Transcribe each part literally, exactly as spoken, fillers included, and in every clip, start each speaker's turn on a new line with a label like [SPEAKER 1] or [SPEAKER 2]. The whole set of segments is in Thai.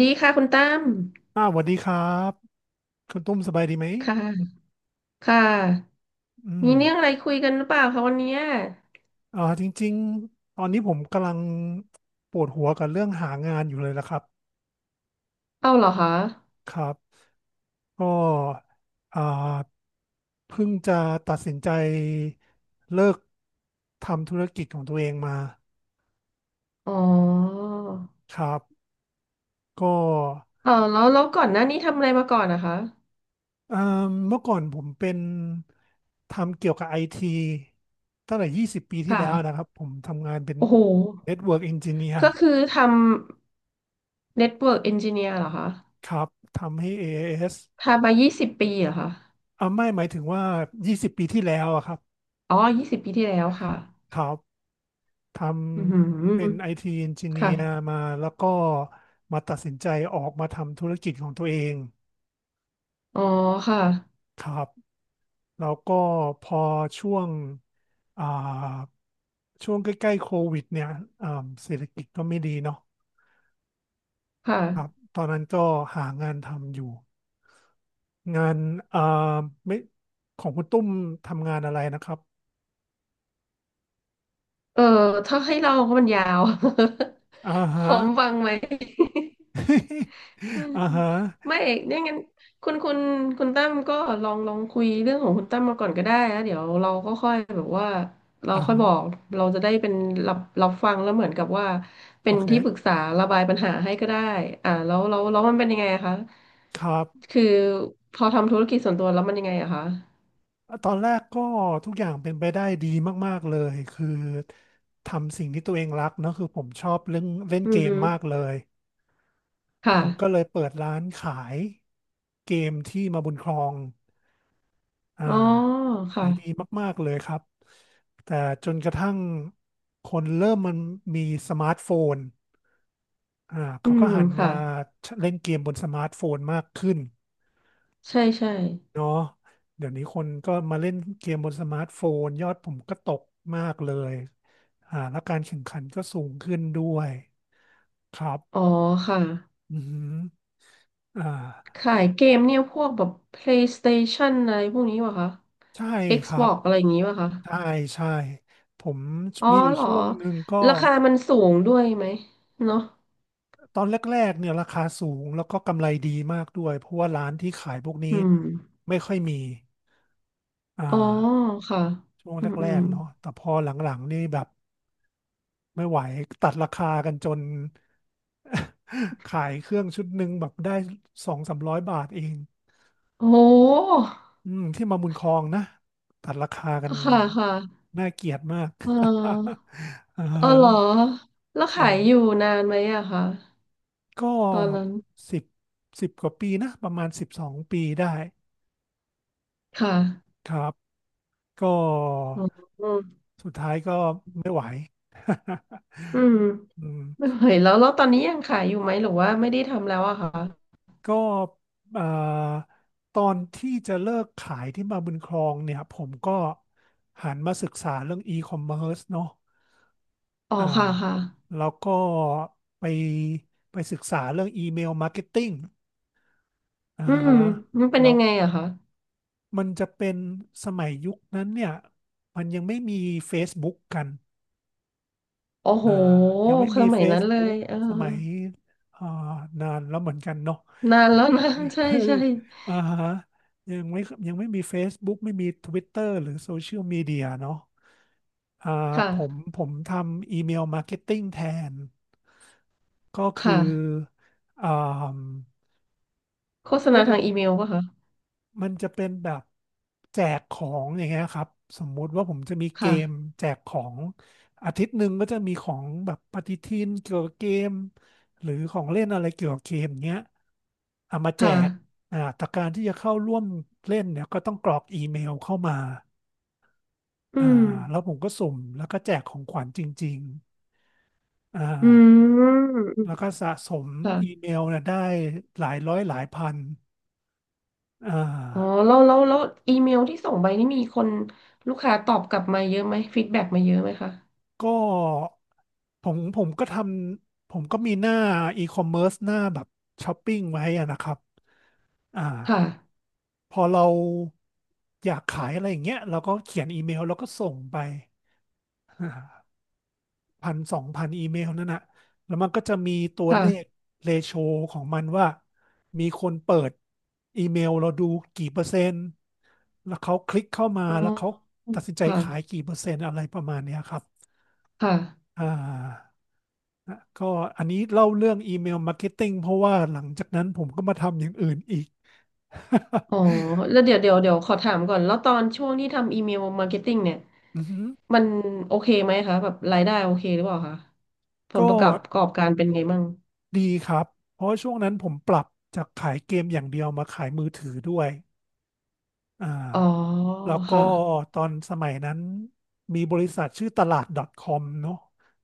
[SPEAKER 1] ดีค่ะคุณตั้ม
[SPEAKER 2] อ่าสวัสดีครับคุณตุ้มสบายดีไหม
[SPEAKER 1] ค่ะค่ะ
[SPEAKER 2] อืม
[SPEAKER 1] มีเรื่องอะไรคุยกันหรือเปล่าคะวันเนี้ย
[SPEAKER 2] อ่าจริงๆตอนนี้ผมกำลังปวดหัวกับเรื่องหางานอยู่เลยละครับ
[SPEAKER 1] เอาเหรอคะ
[SPEAKER 2] ครับก็อ่าเพิ่งจะตัดสินใจเลิกทำธุรกิจของตัวเองมา
[SPEAKER 1] อ๋อ
[SPEAKER 2] ครับก็
[SPEAKER 1] เออแล้วแล้วก่อนหน้านี้ทำอะไรมาก่อนนะคะ
[SPEAKER 2] อ่าเมื่อก่อนผมเป็นทำเกี่ยวกับไอทีตั้งแต่ยี่สิบปีที่แล้ว
[SPEAKER 1] ค่ะ
[SPEAKER 2] นะครับผมทำงานเป็น
[SPEAKER 1] โอ้โห
[SPEAKER 2] Network Engineer
[SPEAKER 1] ก็คือทำ Network Engineer เหรอคะ
[SPEAKER 2] ครับทำให้ a a s อเอส
[SPEAKER 1] ทำมายี่สิบปีเหรอคะ
[SPEAKER 2] อ่าไม่หมายถึงว่ายี่สิบปีที่แล้วอะครับ
[SPEAKER 1] อ๋อยี่สิบปีที่แล้วค่ะ
[SPEAKER 2] ครับท
[SPEAKER 1] อือหือ
[SPEAKER 2] ำเป็น ไอ ที
[SPEAKER 1] ค่ะ
[SPEAKER 2] Engineer มาแล้วก็มาตัดสินใจออกมาทำธุรกิจของตัวเอง
[SPEAKER 1] อ๋อค่ะ
[SPEAKER 2] ครับแล้วก็พอช่วงอ่าช่วงใกล้ๆโควิดเนี่ยอ่าเศรษฐกิจก็ไม่ดีเนาะ
[SPEAKER 1] ค่ะ
[SPEAKER 2] ตอนนั้นก็หางานทำอยู่งานอ่าไม่ของคุณตุ้มทำงานอะไรนะครับ
[SPEAKER 1] เออ ถ้าให้เราก็มันยาว
[SPEAKER 2] อ่า
[SPEAKER 1] พ
[SPEAKER 2] ฮะ
[SPEAKER 1] ร้อมฟังไหม อืม
[SPEAKER 2] อ่าฮะ
[SPEAKER 1] ไม่เนี่ยงั้นคุณคุณคุณตั้มก็ลองลองคุยเรื่องของคุณตั้มมาก่อนก็ได้แล้วเดี๋ยวเราก็ค่อยแบบว่าเรา
[SPEAKER 2] อ่า
[SPEAKER 1] ค่อย
[SPEAKER 2] ฮะ
[SPEAKER 1] บอกเราจะได้เป็นรับรับฟังแล้วเหมือนกับว่า
[SPEAKER 2] โอ
[SPEAKER 1] เป็น
[SPEAKER 2] เค
[SPEAKER 1] ที่ปรึกษาระบายปัญหาให้ก็ได้อ่าแล้วแล้วแล้วมันเป็นยังไงอะคะ
[SPEAKER 2] ครับ
[SPEAKER 1] คือพอทำธุรกิจส่วนตัวแล้วมันยังไงอะคะ
[SPEAKER 2] ตอนแรกก็ทุกอย่างเป็นไปได้ดีมากๆเลยคือทำสิ่งที่ตัวเองรักเนอะคือผมชอบเรื่องเล่น
[SPEAKER 1] อื
[SPEAKER 2] เก
[SPEAKER 1] อ
[SPEAKER 2] ม
[SPEAKER 1] ฮึ
[SPEAKER 2] มากเลยผ
[SPEAKER 1] ค่ะ
[SPEAKER 2] มก็เลยเปิดร้านขายเกมที่มาบุญครองอ่า
[SPEAKER 1] อ๋อ
[SPEAKER 2] ขายดี
[SPEAKER 1] ค่ะ
[SPEAKER 2] มากๆเลยครับแต่จนกระทั่งคนเริ่มมันมีสมาร์ทโฟนอ่า
[SPEAKER 1] อื
[SPEAKER 2] เขาก็
[SPEAKER 1] ม
[SPEAKER 2] หันมา
[SPEAKER 1] ค่ะ
[SPEAKER 2] เล่นเกมบนสมาร์ทโฟนมากขึ้น
[SPEAKER 1] ใช่ใช่
[SPEAKER 2] เนาะเดี๋ยวนี้คนก็มาเล่นเกมบนสมาร์ทโฟนยอดผมก็ตกมากเลยอ่าแล้วการแข่งขันก็สูงขึ้นด้วยครับ
[SPEAKER 1] อ๋อค่ะ
[SPEAKER 2] อือหืออ่า
[SPEAKER 1] ขายเกมเนี่ยพวกแบบ PlayStation อะไรพวกนี้ป่ะคะ
[SPEAKER 2] ใช่ครับ
[SPEAKER 1] Xbox อะไรอย่างงี้ป่ะคะ
[SPEAKER 2] ใช่ใช่ผม
[SPEAKER 1] อ๋อ
[SPEAKER 2] มีอยู่
[SPEAKER 1] เหรอ
[SPEAKER 2] ช่วงหนึ่งก็
[SPEAKER 1] ราคามันสูงด้วยไหมเนาะ
[SPEAKER 2] ตอนแรกๆเนี่ยราคาสูงแล้วก็กำไรดีมากด้วยเพราะว่าร้านที่ขายพวกนี้
[SPEAKER 1] อืม
[SPEAKER 2] ไม่ค่อยมีอ่
[SPEAKER 1] อ๋อ
[SPEAKER 2] า
[SPEAKER 1] ค่ะ
[SPEAKER 2] ช่วง
[SPEAKER 1] อืมอื
[SPEAKER 2] แร
[SPEAKER 1] ม
[SPEAKER 2] กๆเนาะแต่พอหลังๆนี่แบบ ไม่ไหวตัดราคากันจน ขายเครื่องชุดหนึ่งแบบได้สองสามร้อยบาทเอง
[SPEAKER 1] โอ้โห
[SPEAKER 2] อืมที่มาบุญครองนะตัดราคากัน
[SPEAKER 1] ค่ะค่ะ
[SPEAKER 2] น่าเกลียดมาก
[SPEAKER 1] เออ
[SPEAKER 2] อ่า
[SPEAKER 1] เออเหรอแล้ว
[SPEAKER 2] ใช่
[SPEAKER 1] ขายอยู่นานไหมอะคะ
[SPEAKER 2] ก็
[SPEAKER 1] ตอนนั้น
[SPEAKER 2] สิบสิบกว่าปีนะประมาณสิบสองปีได้
[SPEAKER 1] ค่ะ
[SPEAKER 2] ครับก็
[SPEAKER 1] อ๋อ
[SPEAKER 2] สุดท้ายก็ไม่ไหว
[SPEAKER 1] อื ม
[SPEAKER 2] อืม
[SPEAKER 1] ไม่ไหวแล้วแล้วตอนนี้ยังขายอยู่ไหมหรือว่าไม่ได้ทำแล้วอะคะ
[SPEAKER 2] ก็เอ่อตอนที่จะเลิกขายที่มาบุญครองเนี่ยผมก็หันมาศึกษาเรื่อง e-commerce เนาะ
[SPEAKER 1] อ๋อ
[SPEAKER 2] อ่า
[SPEAKER 1] ค่ะค่ะ
[SPEAKER 2] แล้วก็ไปไปศึกษาเรื่อง email marketing อ่า
[SPEAKER 1] อืม
[SPEAKER 2] ฮะ
[SPEAKER 1] มันเป็น
[SPEAKER 2] แล้
[SPEAKER 1] ยั
[SPEAKER 2] ว
[SPEAKER 1] งไงอะคะ
[SPEAKER 2] มันจะเป็นสมัยยุคนั้นเนี่ยมันยังไม่มี Facebook กัน
[SPEAKER 1] โอ้โห
[SPEAKER 2] อ่ายังไม่
[SPEAKER 1] ส
[SPEAKER 2] มี
[SPEAKER 1] มัยนั้นเลย
[SPEAKER 2] Facebook
[SPEAKER 1] เออ
[SPEAKER 2] สมัยอ่านานแล้วเหมือนกันเนาะ
[SPEAKER 1] นานแล้วนะ ใช่ใช่
[SPEAKER 2] อ่าฮะยังไม่ยังไม่มี Facebook ไม่มี Twitter หรือโซเชียลมีเดียเนาะอ่าผม
[SPEAKER 1] ค่ะ
[SPEAKER 2] ผมทำอีเมลมาร์เก็ตติ้งแทนก็คื
[SPEAKER 1] ค่ะ
[SPEAKER 2] ออ่า
[SPEAKER 1] โฆษ
[SPEAKER 2] ก็
[SPEAKER 1] ณาทางอีเมลป่ะคะ
[SPEAKER 2] มันจะเป็นแบบแจกของอย่างเงี้ยครับสมมุติว่าผมจะมีเกม
[SPEAKER 1] ค่ะ
[SPEAKER 2] แจกของอาทิตย์หนึ่งก็จะมีของแบบปฏิทินเกี่ยวกับเกมหรือของเล่นอะไรเกี่ยวกับเกมเงี้ยเอามาแจ
[SPEAKER 1] ค่ะ
[SPEAKER 2] กอ่าแต่การที่จะเข้าร่วมเล่นเนี่ยก็ต้องกรอกอีเมลเข้ามา
[SPEAKER 1] อื
[SPEAKER 2] อ่า
[SPEAKER 1] ม
[SPEAKER 2] แล้วผมก็สุ่มแล้วก็แจกของขวัญจริงๆอ่า
[SPEAKER 1] อืมอืม
[SPEAKER 2] แล้วก็สะสม
[SPEAKER 1] ค่ะ
[SPEAKER 2] อีเมลเนี่ยได้หลายร้อยหลายพันอ่
[SPEAKER 1] อ๋อ
[SPEAKER 2] า
[SPEAKER 1] แล้วแล้วแล้วอีเมลที่ส่งไปนี่มีคนลูกค้าตอบกลับมาเยอะไหมฟีดแบ็กมาเยอะไหมคะ
[SPEAKER 2] ก็ผมผมก็ทำผมก็มีหน้าอีคอมเมิร์ซหน้าแบบช้อปปิ้งไว้อะนะครับอ่า
[SPEAKER 1] ค่ะ
[SPEAKER 2] พอเราอยากขายอะไรอย่างเงี้ยเราก็เขียนอีเมลแล้วก็ส่งไปพันสองพันอีเมลนั่นน่ะแล้วมันก็จะมีตัวเลข
[SPEAKER 1] ค่ะ
[SPEAKER 2] เรโชของมันว่ามีคนเปิดอีเมลเราดูกี่เปอร์เซ็นต์แล้วเขาคลิกเข้ามา
[SPEAKER 1] อ๋อ
[SPEAKER 2] แล้วเขาตัดสินใจขาย
[SPEAKER 1] ค่ะ
[SPEAKER 2] กี่เปอร์เซ็นต์อะไรประมาณเนี้ยครับ
[SPEAKER 1] ค่ะ
[SPEAKER 2] อ่า ก็อันนี้เล่าเรื่องอีเมลมาร์เก็ตติ้งเพราะว่าหลังจากนั้นผมก็มาทำอย่างอื่นอีก
[SPEAKER 1] อ๋อแล้วเดี๋ยวเดี๋ยวเดี๋ยวขอถามก่อนแล้วตอนช่วงที่ทำอีเมลมาร์เก็ตติ้งเนี่ย
[SPEAKER 2] อือฮึ
[SPEAKER 1] มันโอเคไหมคะแบบรายได้โอเคหรือเปล่าคะผล
[SPEAKER 2] ก็
[SPEAKER 1] ประกอบประกอบการเป็นไงมั่ง
[SPEAKER 2] ดีครับเพราะช่วงนั้นผมปรับจากขายเกมอย่างเดียวมาขายมือถือด้วยอ่า
[SPEAKER 1] อ๋อ
[SPEAKER 2] แล้วก็
[SPEAKER 1] ค่ะ
[SPEAKER 2] ตอนสมัยนั้นมีบริษัทชื่อตลาด .com เนอะ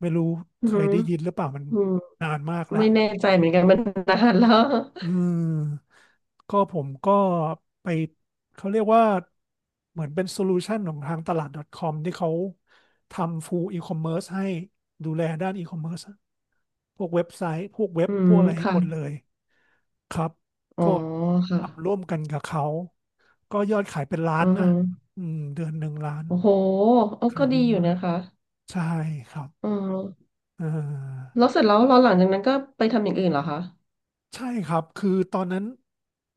[SPEAKER 2] ไม่รู้
[SPEAKER 1] อื
[SPEAKER 2] เคย
[SPEAKER 1] ม
[SPEAKER 2] ได้ยินหรือเปล่ามัน
[SPEAKER 1] อืม
[SPEAKER 2] นานมากแล้ว
[SPEAKER 1] ไม่แน่ใจเหมือนกันมันนานแล้ว
[SPEAKER 2] อืมก็ผมก็ไปเขาเรียกว่าเหมือนเป็นโซลูชันของทางตลาด .com ที่เขาทำ full e-commerce ให้ดูแลด้าน e-commerce พวกเว็บไซต์พวกเว็ บ
[SPEAKER 1] อื
[SPEAKER 2] พ
[SPEAKER 1] ม
[SPEAKER 2] วกอะไรให้
[SPEAKER 1] ค่ะ
[SPEAKER 2] หมดเลยครับ
[SPEAKER 1] อ๋อ
[SPEAKER 2] ก็ทำร่
[SPEAKER 1] ค่ะ
[SPEAKER 2] วมกันกับเขาก็ยอดขายเป็นล้า
[SPEAKER 1] อื
[SPEAKER 2] น
[SPEAKER 1] อ
[SPEAKER 2] นะ
[SPEAKER 1] ฮึ
[SPEAKER 2] อืมเดือนหนึ่งล้าน
[SPEAKER 1] โอ้โหเออ
[SPEAKER 2] ขา
[SPEAKER 1] ก็
[SPEAKER 2] ย
[SPEAKER 1] ดี
[SPEAKER 2] ดี
[SPEAKER 1] อยู่
[SPEAKER 2] มา
[SPEAKER 1] นะ
[SPEAKER 2] ก
[SPEAKER 1] คะ
[SPEAKER 2] ใช่ครับ
[SPEAKER 1] อือฮึ
[SPEAKER 2] เออ
[SPEAKER 1] แล้วเสร็จแล้วเราหลังจากนั้นก็ไปทำอย่างอื่นเหรอคะ
[SPEAKER 2] ใช่ครับคือตอนนั้น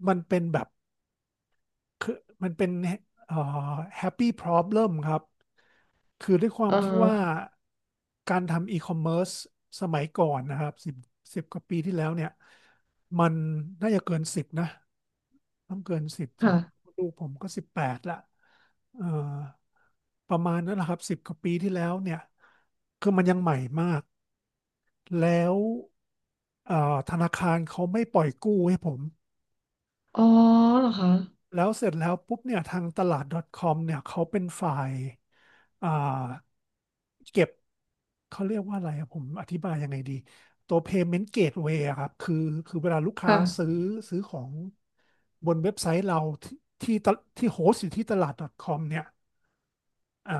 [SPEAKER 2] มันเป็นแบบ คือมันเป็นเอ่อ happy problem ครับคือด้วยความ
[SPEAKER 1] อ่า
[SPEAKER 2] ที่
[SPEAKER 1] ฮะ
[SPEAKER 2] ว่าการทำ e-commerce สมัยก่อนนะครับสิบสิบกว่าปีที่แล้วเนี่ยมันน่าจะเกินสิบนะต้องเกินสิบสิ
[SPEAKER 1] ค่ะ
[SPEAKER 2] ลูกผมก็สิบแปดละเอ่อประมาณนั้นแหละครับสิบกว่าปีที่แล้วเนี่ยคือมันยังใหม่มากแล้วเอ่อธนาคารเขาไม่ปล่อยกู้ให้ผม
[SPEAKER 1] อ๋อเหรอคะ
[SPEAKER 2] แล้วเสร็จแล้วปุ๊บเนี่ยทางตลาด .com เนี่ยเขาเป็นฝ่ายอ่าเก็บเขาเรียกว่าอะไรอะผมอธิบายยังไงดีตัว payment gateway อะครับคือคือเวลาลูกค้าซื้อ
[SPEAKER 1] ค่ะ
[SPEAKER 2] ซื้อของบนเว็บไซต์เราที่ที่ตะที่โฮสต์อยู่ที่ตลาด .com เนี่ยอ่า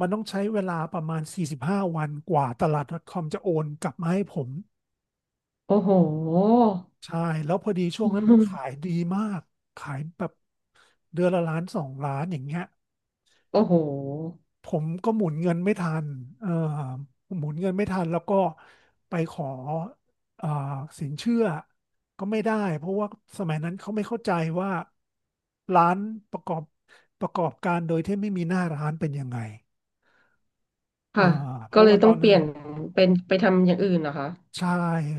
[SPEAKER 2] มันต้องใช้เวลาประมาณสี่สิบห้าวันกว่าตลาด .com จะโอนกลับมาให้ผม
[SPEAKER 1] โอ้โห
[SPEAKER 2] ใช่แล้วพอดีช่ ว
[SPEAKER 1] อื
[SPEAKER 2] งนั้นมันขาย
[SPEAKER 1] ม
[SPEAKER 2] ดีมากขายแบบเดือนละล้านสองล้านอย่างเงี้ย
[SPEAKER 1] โอ้โห
[SPEAKER 2] ผมก็หมุนเงินไม่ทันเออหมุนเงินไม่ทันแล้วก็ไปขอเอ่อสินเชื่อก็ไม่ได้เพราะว่าสมัยนั้นเขาไม่เข้าใจว่าร้านประกอบประกอบการโดยที่ไม่มีหน้าร้านเป็นยังไงเอ่
[SPEAKER 1] ค่ะ
[SPEAKER 2] อเพ
[SPEAKER 1] ก็
[SPEAKER 2] ราะ
[SPEAKER 1] เลย
[SPEAKER 2] ว่าต
[SPEAKER 1] ต้อ
[SPEAKER 2] อ
[SPEAKER 1] ง
[SPEAKER 2] น
[SPEAKER 1] เป
[SPEAKER 2] นั้
[SPEAKER 1] ลี่
[SPEAKER 2] น
[SPEAKER 1] ยนเป็นไปทำอย่างอื่นเหรอคะ
[SPEAKER 2] ใช่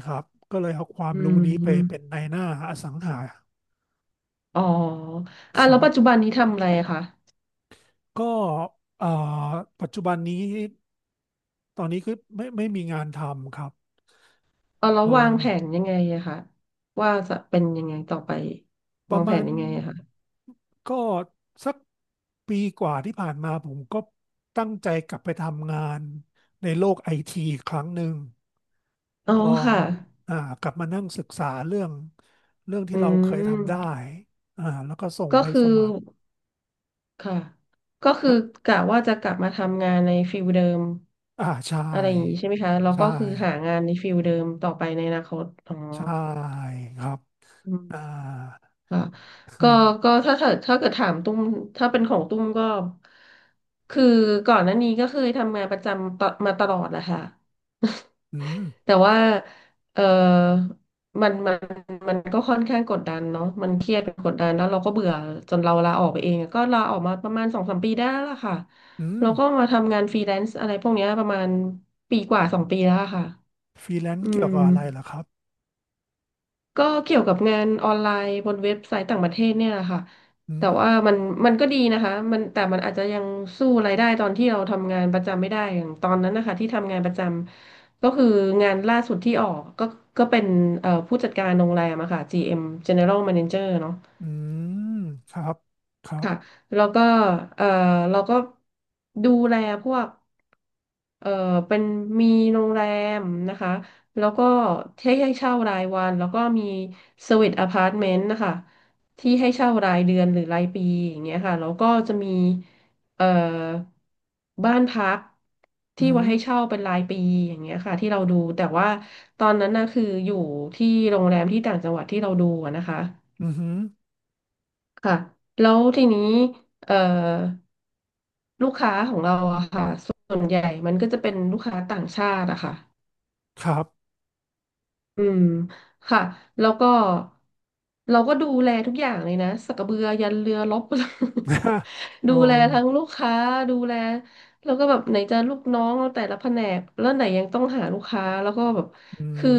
[SPEAKER 2] ครับก็เลยเอาความ
[SPEAKER 1] อื
[SPEAKER 2] รู้นี้ไปเป็น
[SPEAKER 1] ม
[SPEAKER 2] นายหน้าอสังหา
[SPEAKER 1] อ๋อ
[SPEAKER 2] ค
[SPEAKER 1] อ่ะ
[SPEAKER 2] รั
[SPEAKER 1] แล้ว
[SPEAKER 2] บ
[SPEAKER 1] ปัจจุบันนี้ทำอะไรอะคะ
[SPEAKER 2] ก็เอ่อปัจจุบันนี้ตอนนี้คือไม่ไม่มีงานทำครับ
[SPEAKER 1] เอาแล้ว
[SPEAKER 2] เอ
[SPEAKER 1] วาง
[SPEAKER 2] อ
[SPEAKER 1] แผนยังไงอะคะว่าจะเป็นยังไงต่อไป
[SPEAKER 2] ป
[SPEAKER 1] วา
[SPEAKER 2] ระ
[SPEAKER 1] งแผ
[SPEAKER 2] มา
[SPEAKER 1] น
[SPEAKER 2] ณ
[SPEAKER 1] ยังไงอะคะ
[SPEAKER 2] ก็สักปีกว่าที่ผ่านมาผมก็ตั้งใจกลับไปทำงานในโลกไอทีกครั้งหนึ่ง
[SPEAKER 1] อ๋อ
[SPEAKER 2] ก็
[SPEAKER 1] ค่ะ
[SPEAKER 2] อ่ากลับมานั่งศึกษาเรื่องเรื่อง
[SPEAKER 1] อื
[SPEAKER 2] ที่เราเคยทำได้
[SPEAKER 1] ม
[SPEAKER 2] อ่าแล้วก็ส่ง
[SPEAKER 1] ก็
[SPEAKER 2] ใบ
[SPEAKER 1] คือ
[SPEAKER 2] สมัคร
[SPEAKER 1] ค่ะก็คือ
[SPEAKER 2] ฮะ
[SPEAKER 1] กะว่าจะกลับมาทำงานในฟิลเดิม
[SPEAKER 2] อ่าใช่
[SPEAKER 1] อะไรอย่างนี้ใช่ไหมคะแล้ว
[SPEAKER 2] ใช่
[SPEAKER 1] ก็คือหางานในฟิลเดิมต่อไปในอนาคตอ๋อ
[SPEAKER 2] ใช่ครับ
[SPEAKER 1] อื
[SPEAKER 2] อ่า
[SPEAKER 1] ม ค่ะ
[SPEAKER 2] คื
[SPEAKER 1] ก็
[SPEAKER 2] อ
[SPEAKER 1] ก็ถ้าถ้าถ้าเกิดถามตุ้มถ้าเป็นของตุ้มก็คือก่อนหน้านี้ก็เคยทำงานประจำตอมาตลอดแหละค่ะ
[SPEAKER 2] อืม
[SPEAKER 1] แต่ว่าเออมันมันมันก็ค่อนข้างกดดันเนาะมันเครียดเป็นกดดันแล้วเราก็เบื่อจนเราลาออกไปเองก็ลาออกมาประมาณสองสามปีได้แล้วล่ะค่ะ
[SPEAKER 2] อืม
[SPEAKER 1] เราก็มาทำงานฟรีแลนซ์อะไรพวกเนี้ยประมาณปีกว่าสองปีแล้วอะค่ะ
[SPEAKER 2] ฟรีแลน
[SPEAKER 1] อื
[SPEAKER 2] ซ์เกี่ย
[SPEAKER 1] ม
[SPEAKER 2] วกับอะไรเหรอครับ
[SPEAKER 1] ก็เกี่ยวกับงานออนไลน์บนเว็บไซต์ต่างประเทศเนี่ยแหละค่ะ
[SPEAKER 2] อื
[SPEAKER 1] แต่ว่า
[SPEAKER 2] ม
[SPEAKER 1] มันมันก็ดีนะคะมันแต่มันอาจจะยังสู้รายได้ตอนที่เราทำงานประจำไม่ได้อย่างตอนนั้นนะคะที่ทำงานประจำก็คืองานล่าสุดที่ออกก็ก็เป็นเอ่อผู้จัดการโรงแรมอะค่ะ จี เอ็ม General Manager เนอะ
[SPEAKER 2] อืมครับครับ
[SPEAKER 1] ค่ะแล้วก็เออเราก็ดูแลพวกเออเป็นมีโรงแรมนะคะแล้วก็ให้ให้เช่ารายวันแล้วก็มีสวีทอพาร์ตเมนต์นะคะที่ให้เช่ารายเดือนหรือรายปีอย่างเงี้ยค่ะแล้วก็จะมีเอ่อบ้านพัก
[SPEAKER 2] อื
[SPEAKER 1] ที่ไว่าให้
[SPEAKER 2] ม
[SPEAKER 1] เช่าเป็นรายปีอย่างเงี้ยค่ะที่เราดูแต่ว่าตอนนั้นน่ะคืออยู่ที่โรงแรมที่ต่างจังหวัดที่เราดูอะนะคะ
[SPEAKER 2] อือหือ
[SPEAKER 1] ค่ะแล้วทีนี้เอ่อ ลูกค้าของเราอะค่ะส่วนใหญ่มันก็จะเป็นลูกค้าต่างชาติอะค่ะ
[SPEAKER 2] ครับ
[SPEAKER 1] อืมค่ะแล้วก็เราก็ดูแลทุกอย่างเลยนะสักกระเบือยันเรือรบ
[SPEAKER 2] โอ้
[SPEAKER 1] ดูแลทั้งลูกค้าดูแลแล้วก็แบบไหนจะลูกน้องเราแต่ละแผนกแล้วไหนยังต้องหาลูกค้าแล้วก็แบบ
[SPEAKER 2] อื
[SPEAKER 1] คือ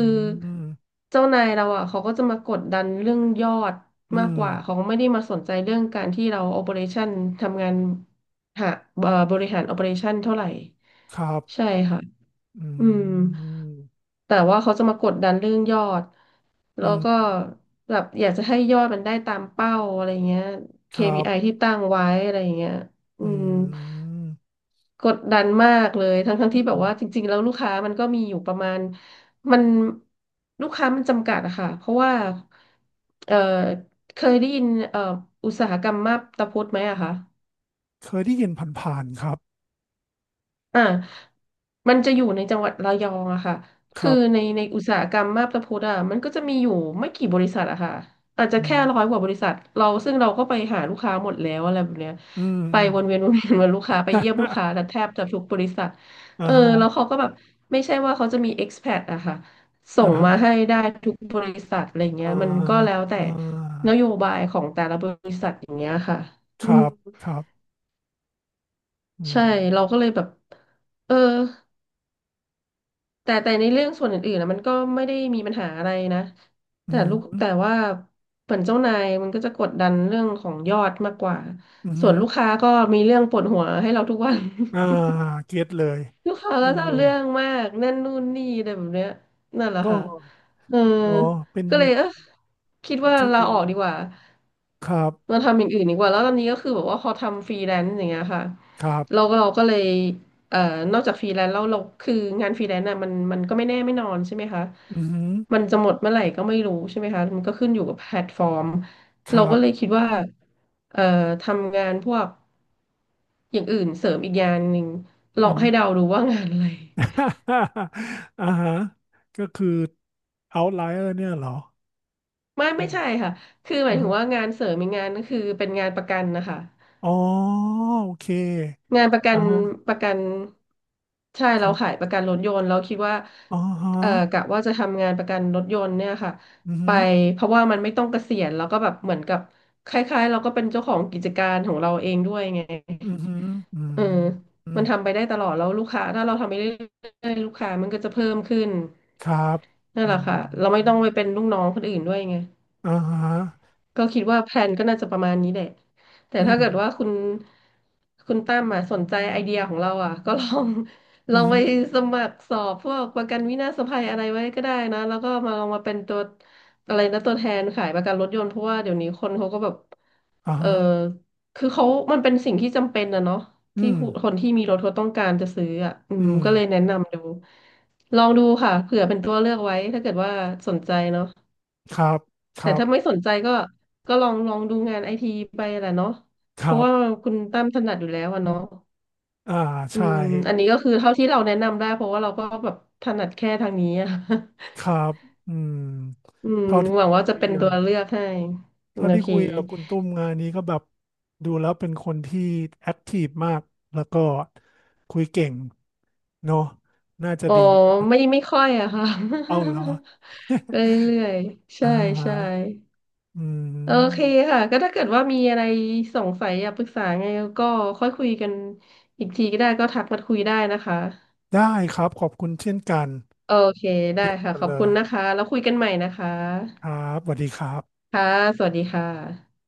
[SPEAKER 2] ม
[SPEAKER 1] เจ้านายเราอ่ะเขาก็จะมากดดันเรื่องยอด
[SPEAKER 2] อื
[SPEAKER 1] มาก
[SPEAKER 2] ม
[SPEAKER 1] กว่าเขาไม่ได้มาสนใจเรื่องการที่เราโอเปอเรชั่นทำงานหาเอ่อบริหารโอเปอเรชั่นเท่าไหร่
[SPEAKER 2] ครับ
[SPEAKER 1] ใช่ค่ะ
[SPEAKER 2] อื
[SPEAKER 1] อืม
[SPEAKER 2] ม
[SPEAKER 1] แต่ว่าเขาจะมากดดันเรื่องยอด
[SPEAKER 2] อื
[SPEAKER 1] แล้ว
[SPEAKER 2] ม
[SPEAKER 1] ก็แบบอยากจะให้ยอดมันได้ตามเป้าอะไรเงี้ย
[SPEAKER 2] ครับ
[SPEAKER 1] เค พี ไอ ที่ตั้งไว้อะไรเงี้ยอื
[SPEAKER 2] อื
[SPEAKER 1] ม
[SPEAKER 2] ม
[SPEAKER 1] กดดันมากเลยทั้งทั้ง
[SPEAKER 2] อื
[SPEAKER 1] ที่แบ
[SPEAKER 2] ม
[SPEAKER 1] บว่าจริงๆแล้วลูกค้ามันก็มีอยู่ประมาณมันลูกค้ามันจำกัดอะค่ะเพราะว่าเออเคยได้ยินเอออุตสาหกรรมมาบตาพุดไหมอะคะ
[SPEAKER 2] เคยได้ยินผ่านๆครับ
[SPEAKER 1] อ่ามันจะอยู่ในจังหวัดระยองอะค่ะ
[SPEAKER 2] ค
[SPEAKER 1] คือ
[SPEAKER 2] รับ
[SPEAKER 1] ในในอุตสาหกรรมมาบตาพุดอะมันก็จะมีอยู่ไม่กี่บริษัทอะค่ะอาจจะ
[SPEAKER 2] อื
[SPEAKER 1] แค่
[SPEAKER 2] ม
[SPEAKER 1] ร้อยกว่าบริษัทเราซึ่งเราก็ไปหาลูกค้าหมดแล้วอะไรแบบเนี้ย
[SPEAKER 2] อืม
[SPEAKER 1] ไป
[SPEAKER 2] อืม
[SPEAKER 1] วนเวียนวนเวียนวนลูกค้าไปเยี่ยมลูกค้าแต่แทบจะทุกบริษัท
[SPEAKER 2] อ่
[SPEAKER 1] เออแล้ว
[SPEAKER 2] า
[SPEAKER 1] เขาก็แบบไม่ใช่ว่าเขาจะมี expat อะค่ะส่
[SPEAKER 2] อ่า
[SPEAKER 1] ง
[SPEAKER 2] ฮะ
[SPEAKER 1] มา
[SPEAKER 2] อ่า
[SPEAKER 1] ให้
[SPEAKER 2] ฮะ
[SPEAKER 1] ได้ทุกบริษัทอะไรเงี้
[SPEAKER 2] อ่า
[SPEAKER 1] ยมันก็แล้วแต่
[SPEAKER 2] อ่
[SPEAKER 1] น
[SPEAKER 2] า
[SPEAKER 1] โยบายของแต่ละบริษัทอย่างเงี้ยค่ะ
[SPEAKER 2] ค
[SPEAKER 1] อื
[SPEAKER 2] รั
[SPEAKER 1] ม
[SPEAKER 2] บครับอืม
[SPEAKER 1] ใช่เราก็เลยแบบเออ แต่แต่ในเรื่องส่วนอื่นๆนะมันก็ไม่ได้มีปัญหาอะไรนะ
[SPEAKER 2] อื
[SPEAKER 1] แต่ลูกแต่
[SPEAKER 2] ม
[SPEAKER 1] ว่าเหมือนเจ้านายมันก็จะกดดันเรื่องของยอดมากกว่า
[SPEAKER 2] อื
[SPEAKER 1] ส่ว
[SPEAKER 2] ม
[SPEAKER 1] นลูกค้าก็มีเรื่องปวดหัวให้เราทุกวัน
[SPEAKER 2] อ่าเก็ตเลย
[SPEAKER 1] ลูกค้า
[SPEAKER 2] เออ
[SPEAKER 1] ก็จะเอาเรื่องมากนั่นนู่นนี่อะไรแบบเนี้ยนั่นแหละ
[SPEAKER 2] ก็
[SPEAKER 1] ค่ะเออ
[SPEAKER 2] เนาะเป็น
[SPEAKER 1] ก็เลยเออคิดว่า
[SPEAKER 2] จี
[SPEAKER 1] ลา
[SPEAKER 2] เอ็
[SPEAKER 1] อ
[SPEAKER 2] ม
[SPEAKER 1] อกดีกว่า
[SPEAKER 2] ครับ
[SPEAKER 1] มาทำอย่างอื่นดีกว่าแล้วตอนนี้ก็คือแบบว่าพอทำฟรีแลนซ์อย่างเงี้ยค่ะ
[SPEAKER 2] ครั
[SPEAKER 1] เรา
[SPEAKER 2] บ
[SPEAKER 1] ก็เราก็เลยเอ่อนอกจากฟรีแลนซ์แล้วเราคืองานฟรีแลนซ์น่ะมันมันก็ไม่แน่ไม่นอนใช่ไหมคะ
[SPEAKER 2] อืม
[SPEAKER 1] มันจะหมดเมื่อไหร่ก็ไม่รู้ใช่ไหมคะมันก็ขึ้นอยู่กับแพลตฟอร์ม
[SPEAKER 2] ค
[SPEAKER 1] เรา
[SPEAKER 2] รั
[SPEAKER 1] ก็
[SPEAKER 2] บ
[SPEAKER 1] เลยคิดว่าเอ่อทำงานพวกอย่างอื่นเสริมอีกงานหนึ่งล
[SPEAKER 2] อื
[SPEAKER 1] อง
[SPEAKER 2] ม
[SPEAKER 1] ให้เดาดูว่างานอะไร
[SPEAKER 2] อ่าฮะก็คือ outlier เนี่ยเหรอ
[SPEAKER 1] ไม่ไม่
[SPEAKER 2] ดู
[SPEAKER 1] ใช่ค่ะคือหมา
[SPEAKER 2] อ่า
[SPEAKER 1] ยถึง
[SPEAKER 2] ฮะ
[SPEAKER 1] ว่างานเสริมอีกงานก็คือเป็นงานประกันนะคะ
[SPEAKER 2] อ๋อโอเค
[SPEAKER 1] งานประกั
[SPEAKER 2] อ่า
[SPEAKER 1] น
[SPEAKER 2] ฮะ
[SPEAKER 1] ประกันใช่
[SPEAKER 2] ค
[SPEAKER 1] เรา
[SPEAKER 2] รับ
[SPEAKER 1] ขายประกันรถยนต์เราคิดว่า
[SPEAKER 2] อ๋อฮะ
[SPEAKER 1] เอ่อกะว่าจะทำงานประกันรถยนต์เนี่ยค่ะ
[SPEAKER 2] อื
[SPEAKER 1] ไป
[SPEAKER 2] ม
[SPEAKER 1] เพราะว่ามันไม่ต้องเกษียณแล้วก็แบบเหมือนกับคล้ายๆเราก็เป็นเจ้าของกิจการของเราเองด้วยไง
[SPEAKER 2] อหืมออืม
[SPEAKER 1] เออ
[SPEAKER 2] อื
[SPEAKER 1] มั
[SPEAKER 2] ม
[SPEAKER 1] นทำไปได้ตลอดแล้วลูกค้าถ้าเราทำไปเรื่อยๆลูกค้ามันก็จะเพิ่มขึ้น
[SPEAKER 2] ครับ
[SPEAKER 1] นั่น
[SPEAKER 2] อื
[SPEAKER 1] แหละค่ะเราไม่
[SPEAKER 2] ม
[SPEAKER 1] ต้องไปเป็นลูกน้องคนอื่นด้วยไง
[SPEAKER 2] อ่าฮะ
[SPEAKER 1] ก็คิดว่าแพลนก็น่าจะประมาณนี้แหละแต่
[SPEAKER 2] อื
[SPEAKER 1] ถ้า
[SPEAKER 2] ม
[SPEAKER 1] เกิดว่าคุณคุณตั้มมาสนใจไอเดียของเราอ่ะ ก็ลองล
[SPEAKER 2] อื
[SPEAKER 1] องไป
[SPEAKER 2] ม
[SPEAKER 1] สมัครสอบพวกประกันวินาศภัยอะไรไว้ก็ได้นะแล้วก็มาลองมาเป็นตัวอะไรนะตัวแทนขายประกันรถยนต์เพราะว่าเดี๋ยวนี้คนเขาก็แบบ
[SPEAKER 2] อ่า
[SPEAKER 1] เออ
[SPEAKER 2] ฮะ
[SPEAKER 1] คือเขามันเป็นสิ่งที่จำเป็นนะเนาะ
[SPEAKER 2] อื
[SPEAKER 1] ที่
[SPEAKER 2] ม
[SPEAKER 1] คนที่มีรถเขาต้องการจะซื้ออ่ะอื
[SPEAKER 2] อื
[SPEAKER 1] ม
[SPEAKER 2] ม
[SPEAKER 1] ก็เลยแนะนำดูลองดูค่ะเผื่อเป็นตัวเลือกไว้ถ้าเกิดว่าสนใจเนาะ
[SPEAKER 2] ครับ ค
[SPEAKER 1] แต่
[SPEAKER 2] รั
[SPEAKER 1] ถ้าไม่
[SPEAKER 2] บ
[SPEAKER 1] สนใจก็ก็ลองลองดูงานไอทีไปแหละเนาะ
[SPEAKER 2] ค
[SPEAKER 1] เพ
[SPEAKER 2] รั
[SPEAKER 1] ราะ
[SPEAKER 2] บ
[SPEAKER 1] ว่าคุณตั้มถนัดอยู่แล้วอะเนาะ
[SPEAKER 2] อ่า
[SPEAKER 1] อื
[SPEAKER 2] ใช่
[SPEAKER 1] มอันนี้ก็คือเท่าที่เราแนะนำได้เพราะว่าเราก็แบบถนัดแค่ทางนี้อะ
[SPEAKER 2] ครับอืม
[SPEAKER 1] อืม
[SPEAKER 2] เท่าที่
[SPEAKER 1] หวังว่าจะ
[SPEAKER 2] คุย
[SPEAKER 1] เป็น
[SPEAKER 2] กั
[SPEAKER 1] ตัว
[SPEAKER 2] น
[SPEAKER 1] เลือกให้
[SPEAKER 2] เท่า
[SPEAKER 1] โอ
[SPEAKER 2] ที่
[SPEAKER 1] เค
[SPEAKER 2] คุยกับคุณตุ้มงานนี้ก็แบบดูแล้วเป็นคนที่แอคทีฟมากแล้วก็คุยเก่งเนาะน่าจะ
[SPEAKER 1] อ๋อ
[SPEAKER 2] ดีนะ
[SPEAKER 1] ไม่ไม่ค่อยอะค่ะ
[SPEAKER 2] เอาเหรอ
[SPEAKER 1] ไปเรื่อยๆ ใช่
[SPEAKER 2] อ่า
[SPEAKER 1] ใช่
[SPEAKER 2] อื
[SPEAKER 1] โอเค
[SPEAKER 2] ม
[SPEAKER 1] ค่ะก็ถ้าเกิดว่ามีอะไรสงสัยอยากปรึกษาไงก็ค่อยคุยกันอีกทีก็ได้ก็ทักมาคุยได้นะคะ
[SPEAKER 2] ได้ครับขอบคุณเช่นกัน
[SPEAKER 1] โอเคได้
[SPEAKER 2] เยี่ยม
[SPEAKER 1] ค่ะ
[SPEAKER 2] กัน
[SPEAKER 1] ขอบ
[SPEAKER 2] เล
[SPEAKER 1] คุณ
[SPEAKER 2] ย
[SPEAKER 1] นะคะแล้วคุยกันใหม่นะคะ
[SPEAKER 2] ครับสวัสดีครับ
[SPEAKER 1] ค่ะสวัสดีค่ะ